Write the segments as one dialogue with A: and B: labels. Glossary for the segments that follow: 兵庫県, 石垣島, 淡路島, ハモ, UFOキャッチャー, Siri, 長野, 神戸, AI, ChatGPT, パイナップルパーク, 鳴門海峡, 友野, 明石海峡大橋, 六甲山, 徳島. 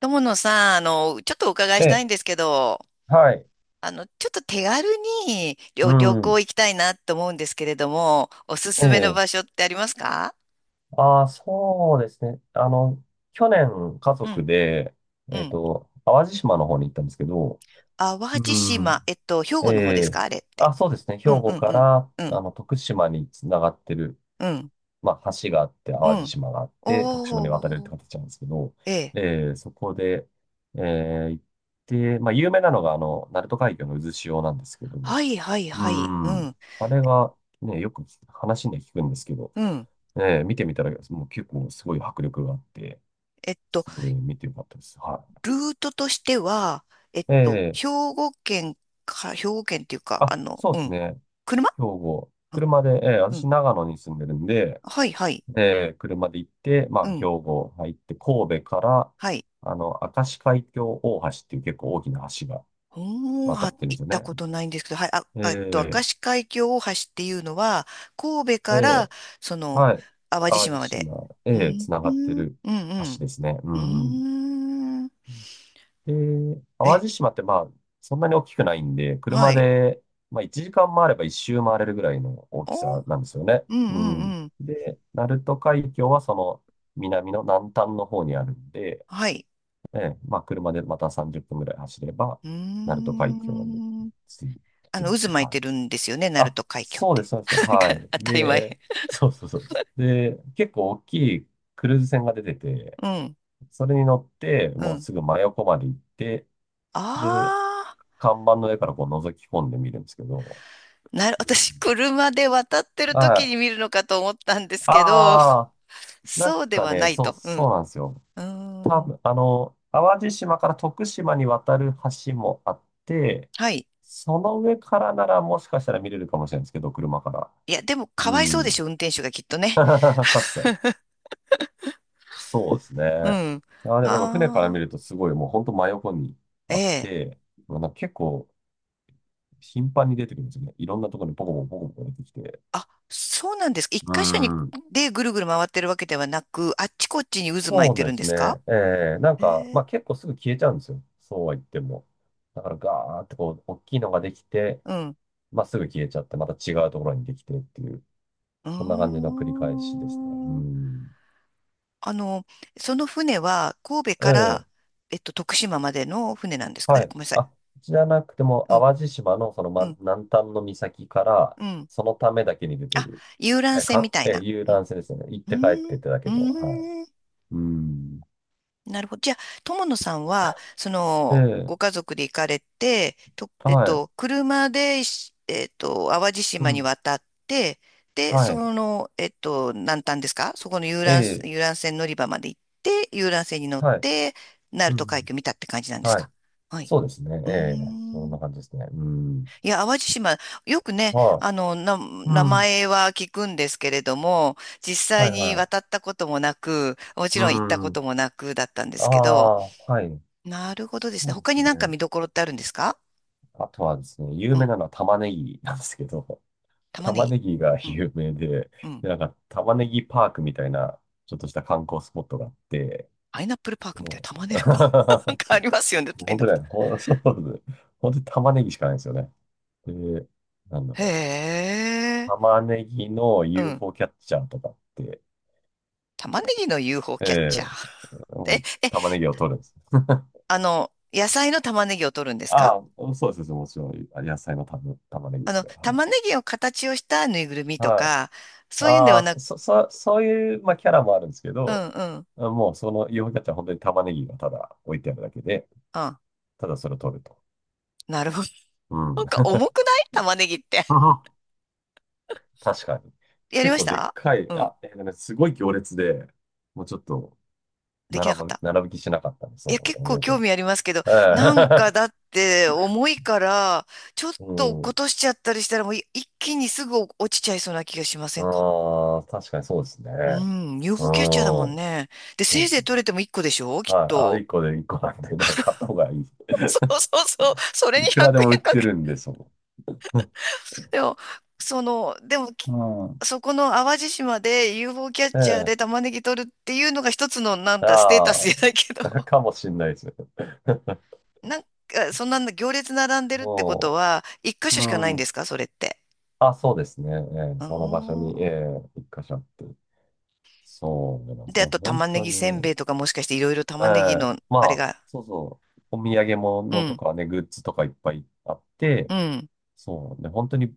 A: 友野さん、ちょっとお伺い
B: え
A: したい
B: え、
A: んですけど、
B: はい。
A: ちょっと手軽に
B: う
A: 旅行
B: ん。
A: 行きたいなと思うんですけれども、おす
B: え
A: すめの
B: え。
A: 場所ってありますか？
B: ああ、そうですね。去年、家
A: う
B: 族
A: ん、
B: で、
A: うん。
B: 淡路島の方に行ったんですけど、
A: 淡路
B: う
A: 島、
B: ん。
A: 兵
B: え
A: 庫の方です
B: え。
A: か？あれって。
B: あ、そうですね。兵
A: うん、う
B: 庫
A: ん、
B: か
A: うん、
B: ら、
A: うん、
B: 徳島につながってる、
A: うん、
B: まあ、橋があって、
A: う
B: 淡路
A: ん。
B: 島があって、徳島に渡れるっ
A: お
B: て
A: ー、
B: 形なんですけど、
A: ええ。
B: そこで、行って、まあ、有名なのが、鳴門海峡の渦潮なんですけど
A: は
B: も、
A: い、はい、
B: う
A: はい。う
B: ん、
A: ん、
B: あれが、ね、よく聞く話で聞くんですけど、
A: うん。
B: 見てみたら、もう結構すごい迫力があって、
A: えっと、
B: すごい見てよかったです。は
A: ルートとしては、えっと、
B: い。
A: 兵
B: ええ。
A: 庫県兵庫県っていうか、
B: あ、そうで
A: う
B: す
A: ん、
B: ね。
A: 車
B: 兵庫。
A: うん、
B: 車で、
A: う
B: 私、
A: ん。
B: 長野に住んでるんで、
A: はい、はい。
B: で、車で行って、ま
A: う
B: あ、兵
A: ん。
B: 庫入って、神戸から、
A: はい。
B: 明石海峡大橋っていう結構大きな橋が
A: おー、
B: 渡ってるんで
A: 行
B: す
A: っ
B: よ
A: た
B: ね。
A: ことないんですけど、はい、明
B: ええ、
A: 石海峡大橋っていうのは、神戸
B: え
A: から、
B: え、
A: その、
B: はい。
A: 淡路
B: 淡
A: 島
B: 路
A: まで。
B: 島、
A: う
B: ええ、
A: ん、
B: 繋
A: う
B: がって
A: ん、
B: る
A: うん、
B: 橋ですね。う
A: う
B: ん、うん。
A: ん。うーん、
B: で、
A: え、
B: 淡路島ってまあ、そんなに大きくないんで、
A: は
B: 車
A: い。
B: で、まあ1時間回れば一周回れるぐらいの大き
A: お、うん、
B: さなんですよね。
A: う
B: うん。
A: ん、うん。
B: で、鳴門海峡はその南の南端の方にあるんで、
A: はい。
B: ええ、まあ車でまた30分ぐらい走れば、
A: うー
B: 鳴門海峡に
A: ん。
B: 着いてっ
A: 渦
B: て
A: 巻い
B: 感
A: てる
B: じ。
A: んですよね、鳴
B: あ、
A: 門海峡っ
B: そうで
A: て？
B: す、そうです。
A: なん
B: は
A: か、
B: い。
A: 当たり前。
B: で、そうそうそう。で、結構大きいクルーズ船が出てて、
A: うん、
B: それに乗って、
A: う
B: もう
A: ん。
B: すぐ真横まで行って、で、
A: ああ、
B: 看板の上からこう覗き込んでみるんですけど、う
A: 私、
B: ん、
A: 車で渡ってる
B: は
A: 時
B: い。
A: に見るのかと思ったんですけど、
B: ああ、な
A: そ
B: ん
A: うで
B: か
A: はな
B: ね、
A: い
B: そう、
A: と。う
B: そう
A: ん。
B: なんですよ。
A: うー
B: 多
A: ん。
B: 分、淡路島から徳島に渡る橋もあって、
A: はい。
B: その上からならもしかしたら見れるかもしれないんですけど、車から。
A: いや、でも、か
B: う
A: わいそうでし
B: ん。
A: ょ、運転手がきっと ね。
B: 確かに。そうですね。
A: うん。
B: いや、でもやっぱ船から見
A: あ
B: るとすごいもう本当真横に
A: あ、え
B: あっ
A: え。
B: て、まあなんか結構頻繁に出てくるんですよね。いろんなところにポコポコポコポコ出てきて。
A: あ、そうなんですか？一
B: う
A: 箇所に
B: ん。
A: でぐるぐる回ってるわけではなく、あっちこっちに渦巻い
B: そう
A: て
B: で
A: るんで
B: す
A: すか？
B: ね。ええ、なんか、
A: ええ。
B: まあ結構すぐ消えちゃうんですよ。そうは言っても。だからガーってこう、大きいのができて、
A: うん。
B: まあすぐ消えちゃって、また違うところにできてっていう、
A: う
B: こんな感じの
A: ー
B: 繰り返しですね。う
A: ん。
B: ん。
A: あの、その船は、神戸か
B: ええ、
A: ら、徳島までの船なんですか？あ
B: は
A: れ、
B: い。
A: ごめんなさい。
B: あ、じゃなくても、
A: うん、
B: 淡路島のその、
A: うん、
B: 南端の岬から、
A: うん。
B: そのためだけに出て
A: あ、
B: る、
A: 遊覧
B: え、
A: 船み
B: か、
A: たい
B: え、
A: な。
B: 遊
A: うん、
B: 覧船ですよね。行っ
A: うー
B: て帰っ
A: ん、
B: て
A: う
B: ってだけど、はい。
A: ーん。
B: うん。
A: なるほど。じゃあ、友野さんは、
B: ええ、
A: ご家族で行かれて、と、えっ
B: はい。
A: と、車でし、淡路
B: う
A: 島に
B: ん。
A: 渡って、で、
B: はい。
A: 南端ですか、そこの
B: ええ、
A: 遊覧船乗り場まで行って、遊覧船に乗っ
B: はい。
A: て、鳴
B: う
A: 門海
B: ん。
A: 峡見たって感じなんです
B: はい。
A: か？はい。
B: そうですね。
A: う
B: え
A: ー
B: え、そん
A: ん。
B: な感じですね。うん。
A: いや、淡路島、よくね、
B: はい。う
A: 名
B: ん。
A: 前は聞くんですけれども、実
B: は
A: 際
B: い、
A: に
B: はい。
A: 渡ったこともなく、もち
B: う
A: ろん行ったこ
B: ん。
A: ともなくだったんで
B: あ
A: すけど、
B: あ、はい。
A: なるほどです
B: そ
A: ね。
B: うで
A: 他
B: す
A: になんか
B: ね。
A: 見どころってあるんですか？
B: あとはですね、有
A: う
B: 名
A: ん。
B: なのは玉ねぎなんですけど、
A: 玉ね
B: 玉
A: ぎ。
B: ねぎが
A: うん。
B: 有名で、
A: うん。
B: で、なんか玉ねぎパークみたいな、ちょっとした観光スポットがあって、
A: パイナップルパークみたいな
B: も
A: 玉ね
B: う、
A: ぎパーク。なん か
B: そ
A: あ
B: う、
A: りますよね、
B: もう
A: パイ
B: 本
A: ナ
B: 当
A: ップ
B: ね、
A: ル。
B: そうです。本当に玉ねぎしかないんですよね。で、なんだろう。
A: へえ。
B: 玉ねぎの
A: うん。
B: UFO キャッチャーとかって、
A: 玉ねぎの UFO
B: え
A: キャッチャー。
B: え、 も
A: え、
B: う
A: え、
B: 玉ねぎを取るんです。
A: 野菜の玉ねぎを取るんですか？
B: ああ、そうです、もちろん、あ、野菜の玉ねぎですよ。は
A: 玉ねぎを形をしたぬいぐるみ
B: い。
A: と
B: は
A: か、
B: い、
A: そういうんで
B: あ
A: は
B: あ、
A: な
B: そ、
A: く、
B: そ、そそういう、まあ、キャラもあるんですけ
A: う
B: ど、
A: んうん。
B: もうそのユーフォーキャッチャーは本当に玉ねぎがただ置いてあるだけで、
A: あ、
B: ただそれを取ると。
A: なるほど。
B: うん。
A: なんか 重くない玉ねぎって。
B: 確かに。
A: やり
B: 結
A: まし
B: 構でっ
A: た？
B: かい、
A: うん。
B: あ、ね、すごい行列で、もうちょっと
A: できな
B: 並
A: かっ
B: ぶ、
A: た？
B: 並ぶ気しなかったんです、
A: いや、
B: そ
A: 結
B: う、イメ
A: 構
B: ージ
A: 興味ありますけど、なん
B: は。
A: か
B: え
A: だって重いから、ちょっ
B: え。
A: と落っ
B: う
A: こ
B: ん。
A: としちゃったりしたらもう一気にすぐ落ちちゃいそうな気がしませんか？
B: ああ、確かにそうですね。
A: うん、
B: うん。
A: UFO キャッチャーだもんね。で、
B: そ
A: せ
B: う、
A: いぜ
B: そ
A: い
B: う、
A: 取れても1個でしょ、きっ
B: はい。あ、
A: と。
B: 1個で1個なんで、だから買った方がいいです。
A: そうそうそう。それに
B: いくらで
A: 100
B: も売っ
A: 円か
B: て
A: け。
B: るんで、その。
A: でも、その、でも、き
B: うん。
A: そこの淡路島で UFO キャ ッ
B: え
A: チャーで
B: え。
A: 玉ねぎ取るっていうのが一つの、なんだ、ステータス
B: あ
A: じゃないけど。
B: あ、かもしんないです。
A: なんか、そんな行列並ん でるってこと
B: も
A: は、一箇
B: う、
A: 所
B: う
A: しかないんで
B: ん。
A: すか、それって？
B: あ、そうですね。ええ、
A: あ
B: その場所に、
A: ー、
B: ええ、一箇所あって。そうなんです
A: で、
B: ね。
A: あと
B: 本
A: 玉ね
B: 当
A: ぎせんべ
B: に。
A: いとかもしかしていろいろ
B: え
A: 玉ねぎの
B: え、ま
A: あれ
B: あ、
A: が、
B: そうそう。お土産
A: う
B: 物と
A: ん、
B: かね、グッズとかいっぱいあって、
A: うん、
B: そう。で、本当に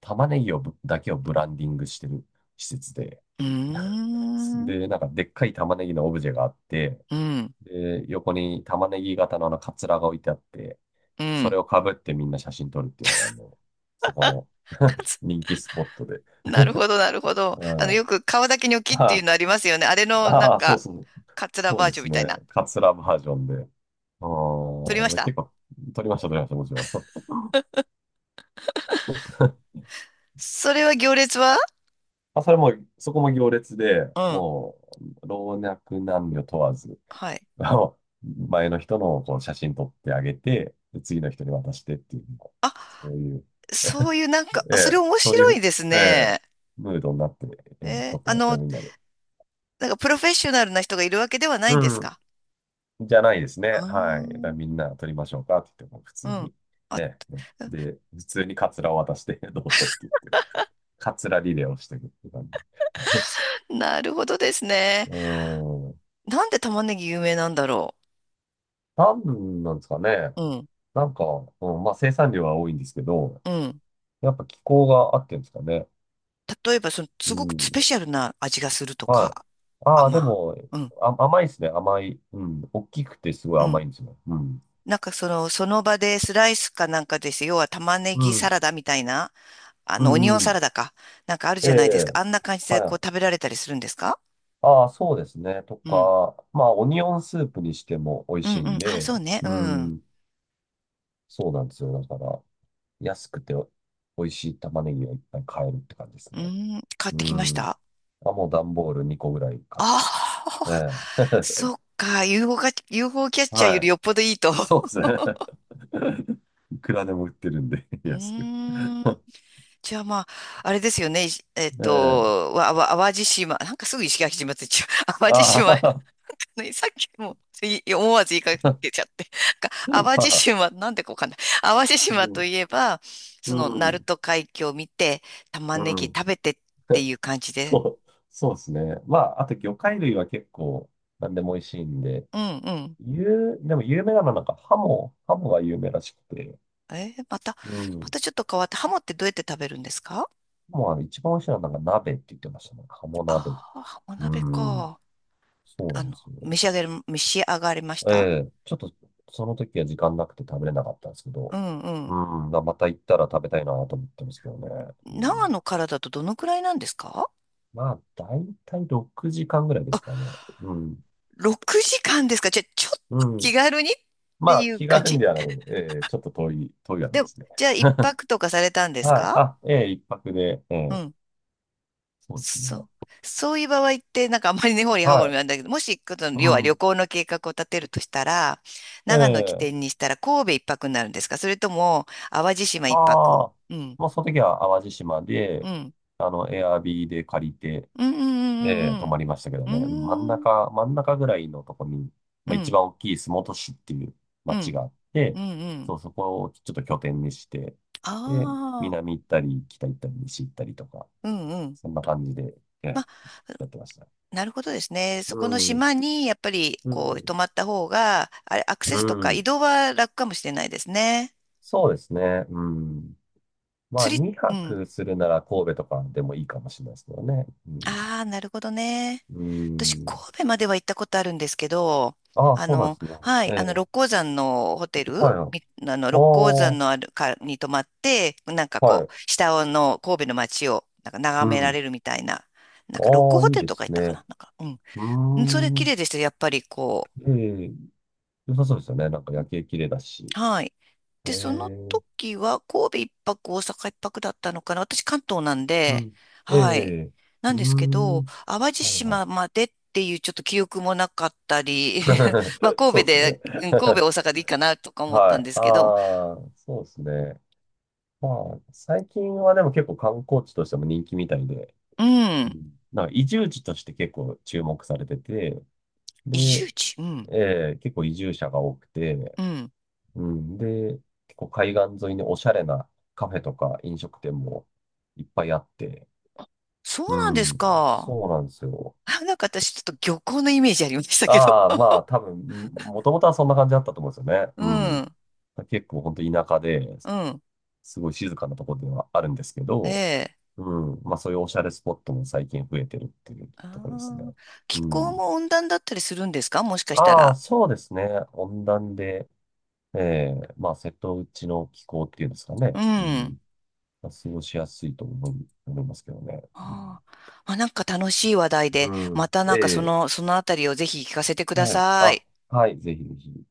B: 玉ねぎをぶだけをブランディングしてる施設で。
A: うーん、
B: で、なんかでっかい玉ねぎのオブジェがあって、
A: うん、
B: で、横に玉ねぎ型のあのカツラが置いてあって、
A: う
B: それ
A: ん。
B: をかぶってみんな写真撮るっていうのが、あの、そこの 人気スポットで。
A: なるほど、なるほど。
B: うん。
A: よく皮だけニョキっていうのあ
B: あ
A: りますよね。あれの、なん
B: あ、そう
A: か、
B: そう。
A: カツラ
B: そう
A: バー
B: で
A: ジョン
B: す
A: み
B: ね。
A: たいな。
B: カツラバージョンで。
A: 取りまし
B: うん。結
A: た？
B: 構撮りました、撮りました、もちろん。
A: それは行列は？
B: あ、それも、そこも行列で、
A: うん。
B: もう、老若男女問わず、
A: はい。
B: あの前の人のこう写真撮ってあげて、で次の人に渡してっていう、
A: あ、
B: そういう、
A: そういうなんか、
B: え
A: あ、それ
B: え、
A: 面
B: そうい
A: 白い
B: う、
A: です
B: ええ、
A: ね。
B: ムードになって、ええ、
A: え
B: 撮
A: ー
B: って
A: あ
B: ました
A: の、
B: よ、みんなで。
A: なんかプロフェッショナルな人がいるわけではないんです
B: うん。
A: か？
B: じゃないです
A: あ
B: ね。はい。だから
A: ー、
B: みんな撮りましょうかって言っても、普
A: う
B: 通
A: ん。
B: に。
A: あ、
B: ね。で、普通にカツラを渡して、どうぞって言って、カツラリレーをしていくって感じ。
A: なるほどですね。
B: うん。
A: なんで玉ねぎ有名なんだろ
B: なんなんですかね。
A: う。うん、
B: なんか、うん、まあ生産量は多いんですけど、
A: うん。
B: やっぱ気候があってんですかね。
A: 例えば、
B: う
A: すごくスペ
B: ん。
A: シャルな味がすると
B: はい。
A: か、
B: ああ、で
A: まあ
B: も、
A: うん、
B: あ、甘いですね。甘い。うん。大きくてすごい
A: うん。
B: 甘いんですよ。うん。
A: なんかその場でスライスかなんかです。要は玉ね
B: う
A: ぎサ
B: ん。
A: ラダみたいな、
B: う
A: オニオ
B: ん。
A: ン
B: う
A: サラ
B: ん、
A: ダか。なんかある
B: え
A: じゃないですか。
B: え。
A: あんな感じで
B: は
A: こう
B: い。
A: 食べられたりするんですか？
B: ああ、そうですね。と
A: うん。
B: か、まあ、オニオンスープにしても美味
A: うん、う
B: しい
A: ん。
B: ん
A: あ、
B: で、
A: そうね。う
B: う
A: ん。
B: ん。そうなんですよ。だから、安くて美味しい玉ねぎをいっぱい買えるって感じです
A: う
B: ね。
A: ん、買っ
B: う
A: てきまし
B: ん。
A: た。
B: あ、もう段ボール2個ぐらい買ってきて。
A: あ
B: え
A: あ、
B: え。
A: そ っか。UFO か、UFO キャッチャーより
B: は
A: よっぽどいいと。
B: い。そうです ね。いくらでも売ってるんで、
A: う
B: 安く。
A: ーん。じゃあまあ、あれですよね。いしえっ
B: ええ。
A: と、わ、わ、淡路島。なんかすぐ石垣島って言っちゃう。淡路
B: あ
A: 島。
B: あ、
A: ね、さっきも思わず言いかけちゃって。なんか淡路 島、なんでかわかんない。淡路島といえ
B: う
A: ば、
B: ん、う
A: 鳴
B: ん、
A: 門海峡を見て、玉
B: う
A: ねぎ
B: ん。
A: 食べてっていう感じ で。
B: そう、そうですね。まあ、あと魚介類は結構何でも美味しいんで、
A: うんうん。
B: でも有名なのはなんかハモが有名らしくて、
A: えーまた、
B: う
A: ま
B: ん。
A: たちょっと変わって、ハモってどうやって食べるんですか？
B: ハモは一番美味しいのはなんか鍋って言ってましたね。ハモ鍋。
A: ああー、ハモ
B: う
A: 鍋
B: ん。
A: か。
B: そうなんですよ。
A: 召し上がりまし
B: え
A: た？
B: え、ちょっとその時は時間なくて食べれなかったんですけ
A: う
B: ど、
A: んう
B: う
A: ん。
B: ん。まあまた行ったら食べたいなと思ってますけどね。う
A: 長野
B: ん。
A: からだとどのくらいなんですか？
B: まあ、だいたい6時間ぐらいですかね。うん。
A: 6 時間ですか？じゃあ、ちょっ
B: う
A: と気
B: ん。
A: 軽にっ
B: ま
A: て
B: あ、
A: いう
B: 気
A: 感
B: 軽に
A: じ、
B: ではなく、ちょっと遠い、遠いわけ
A: で
B: で
A: も、
B: すね。
A: じゃあ、一
B: は
A: 泊とかされたんで
B: い。
A: すか？
B: あ、ええ、一泊で、え
A: う
B: え、
A: ん。
B: そうですね。
A: そう。そういう場合って、なんかあんまり根掘り葉
B: は
A: 掘り
B: い。
A: なんだけど、もし、この
B: う
A: 要は旅
B: ん。
A: 行の計画を立てるとしたら、長野起
B: え
A: 点
B: え。
A: にしたら神戸一泊になるんですか？それとも、淡路島一
B: あ
A: 泊。
B: あー、
A: うん。
B: もうその時は淡路島
A: う
B: で、
A: ん。
B: エアビーで借りて、
A: うんう
B: ええ、泊
A: んうん、
B: まりましたけど
A: うんう
B: ね。真ん
A: ん。うーん。
B: 中、真ん中ぐらいのとこに、
A: う
B: まあ、一
A: ん。
B: 番大きい洲本市っていう
A: う
B: 町
A: ん。
B: があっ
A: う
B: て、
A: んうん。
B: そう、そこをちょっと拠点にして、で、
A: ああ。
B: 南行ったり、北行ったり、西行ったりとか、
A: うんうん。
B: そんな感じで、えやってました。
A: なるほどですね。そ
B: う
A: この
B: ん、
A: 島にやっぱり
B: う
A: こう泊
B: ん、
A: まった方が、あれ、アクセ
B: う
A: スとか移
B: ん。
A: 動は楽かもしれないですね。
B: そうですね。うん。まあ、
A: 釣り、う
B: 2
A: ん。
B: 泊するなら神戸とかでもいいかもしれないですけどね。うん。
A: ああ、なるほどね。
B: う
A: 私、神
B: ん。
A: 戸までは行ったことあるんですけど、
B: ああ、そうなんですね。
A: は
B: え
A: い、
B: え、
A: 六甲山のホテル、
B: はい、はい。
A: みあの、
B: あ
A: 六甲山
B: あ、
A: のあるかに泊まって、なんか
B: は
A: こう、
B: い。
A: 下の神戸の街をなんか
B: う
A: 眺められ
B: ん。
A: るみたいな、なんか六
B: あ
A: 甲
B: あ、
A: ホ
B: いい
A: テル
B: で
A: とか
B: す
A: 行ったか
B: ね。
A: な、なんか、
B: うー
A: うん。それ綺麗
B: ん。
A: でしたよ。やっぱりこう、
B: ええ、良さそうですよね。なんか夜景綺麗だし。
A: はい。
B: え
A: で、その
B: え、
A: 時は神戸一泊、大阪一泊だったのかな。私関東なん
B: う
A: で、
B: ん。え
A: はい。
B: え、
A: な
B: う
A: ん
B: ー
A: ですけ
B: ん。
A: ど、淡路
B: はい、はい。
A: 島までっていうちょっと記憶もなかったり、まあ 神
B: そ
A: 戸
B: うです
A: で、
B: ね。
A: うん、神戸大阪でいいかなとか 思った
B: は
A: ん
B: い。
A: です
B: あ
A: けど、
B: あ、そうですね。まあ、最近はでも結構観光地としても人気みたいで、
A: う
B: う
A: ん。
B: ん、なんか移住地として結構注目されてて、
A: 移住
B: で、
A: 地、うん。
B: ええ、結構移住者が多くて、
A: うん。
B: うん。で、結構海岸沿いにおしゃれなカフェとか飲食店もいっぱいあって、
A: そう
B: う
A: なんです
B: ん。
A: か。
B: そうなんですよ。
A: あ、なんか私ちょっと漁港のイメージありましたけど。
B: ああ、まあ多分、もともとはそんな感じだったと思うんですよね。
A: う
B: うん。
A: ん。
B: 結構本当田舎で、
A: うん。
B: すごい静かなところではあるんですけ
A: え
B: ど、
A: え。
B: うん。まあそういうおしゃれスポットも最近増えてるっていう
A: あ
B: ところですね。
A: ー、気
B: う
A: 候
B: ん。
A: も温暖だったりするんですか、もしかした
B: ああ、
A: ら？
B: そうですね。温暖で、ええ、まあ瀬戸内の気候っていうんですか
A: う
B: ね。う
A: ん。
B: ん。過ごしやすいと思いますけどね。う
A: ああ、まあ、なんか楽しい話題で、
B: ん、う
A: ま
B: ん。
A: たなんか
B: ええ。
A: そのあたりをぜひ聞かせてくだ
B: はい。
A: さ
B: あ、
A: い。
B: はい。ぜひぜひ。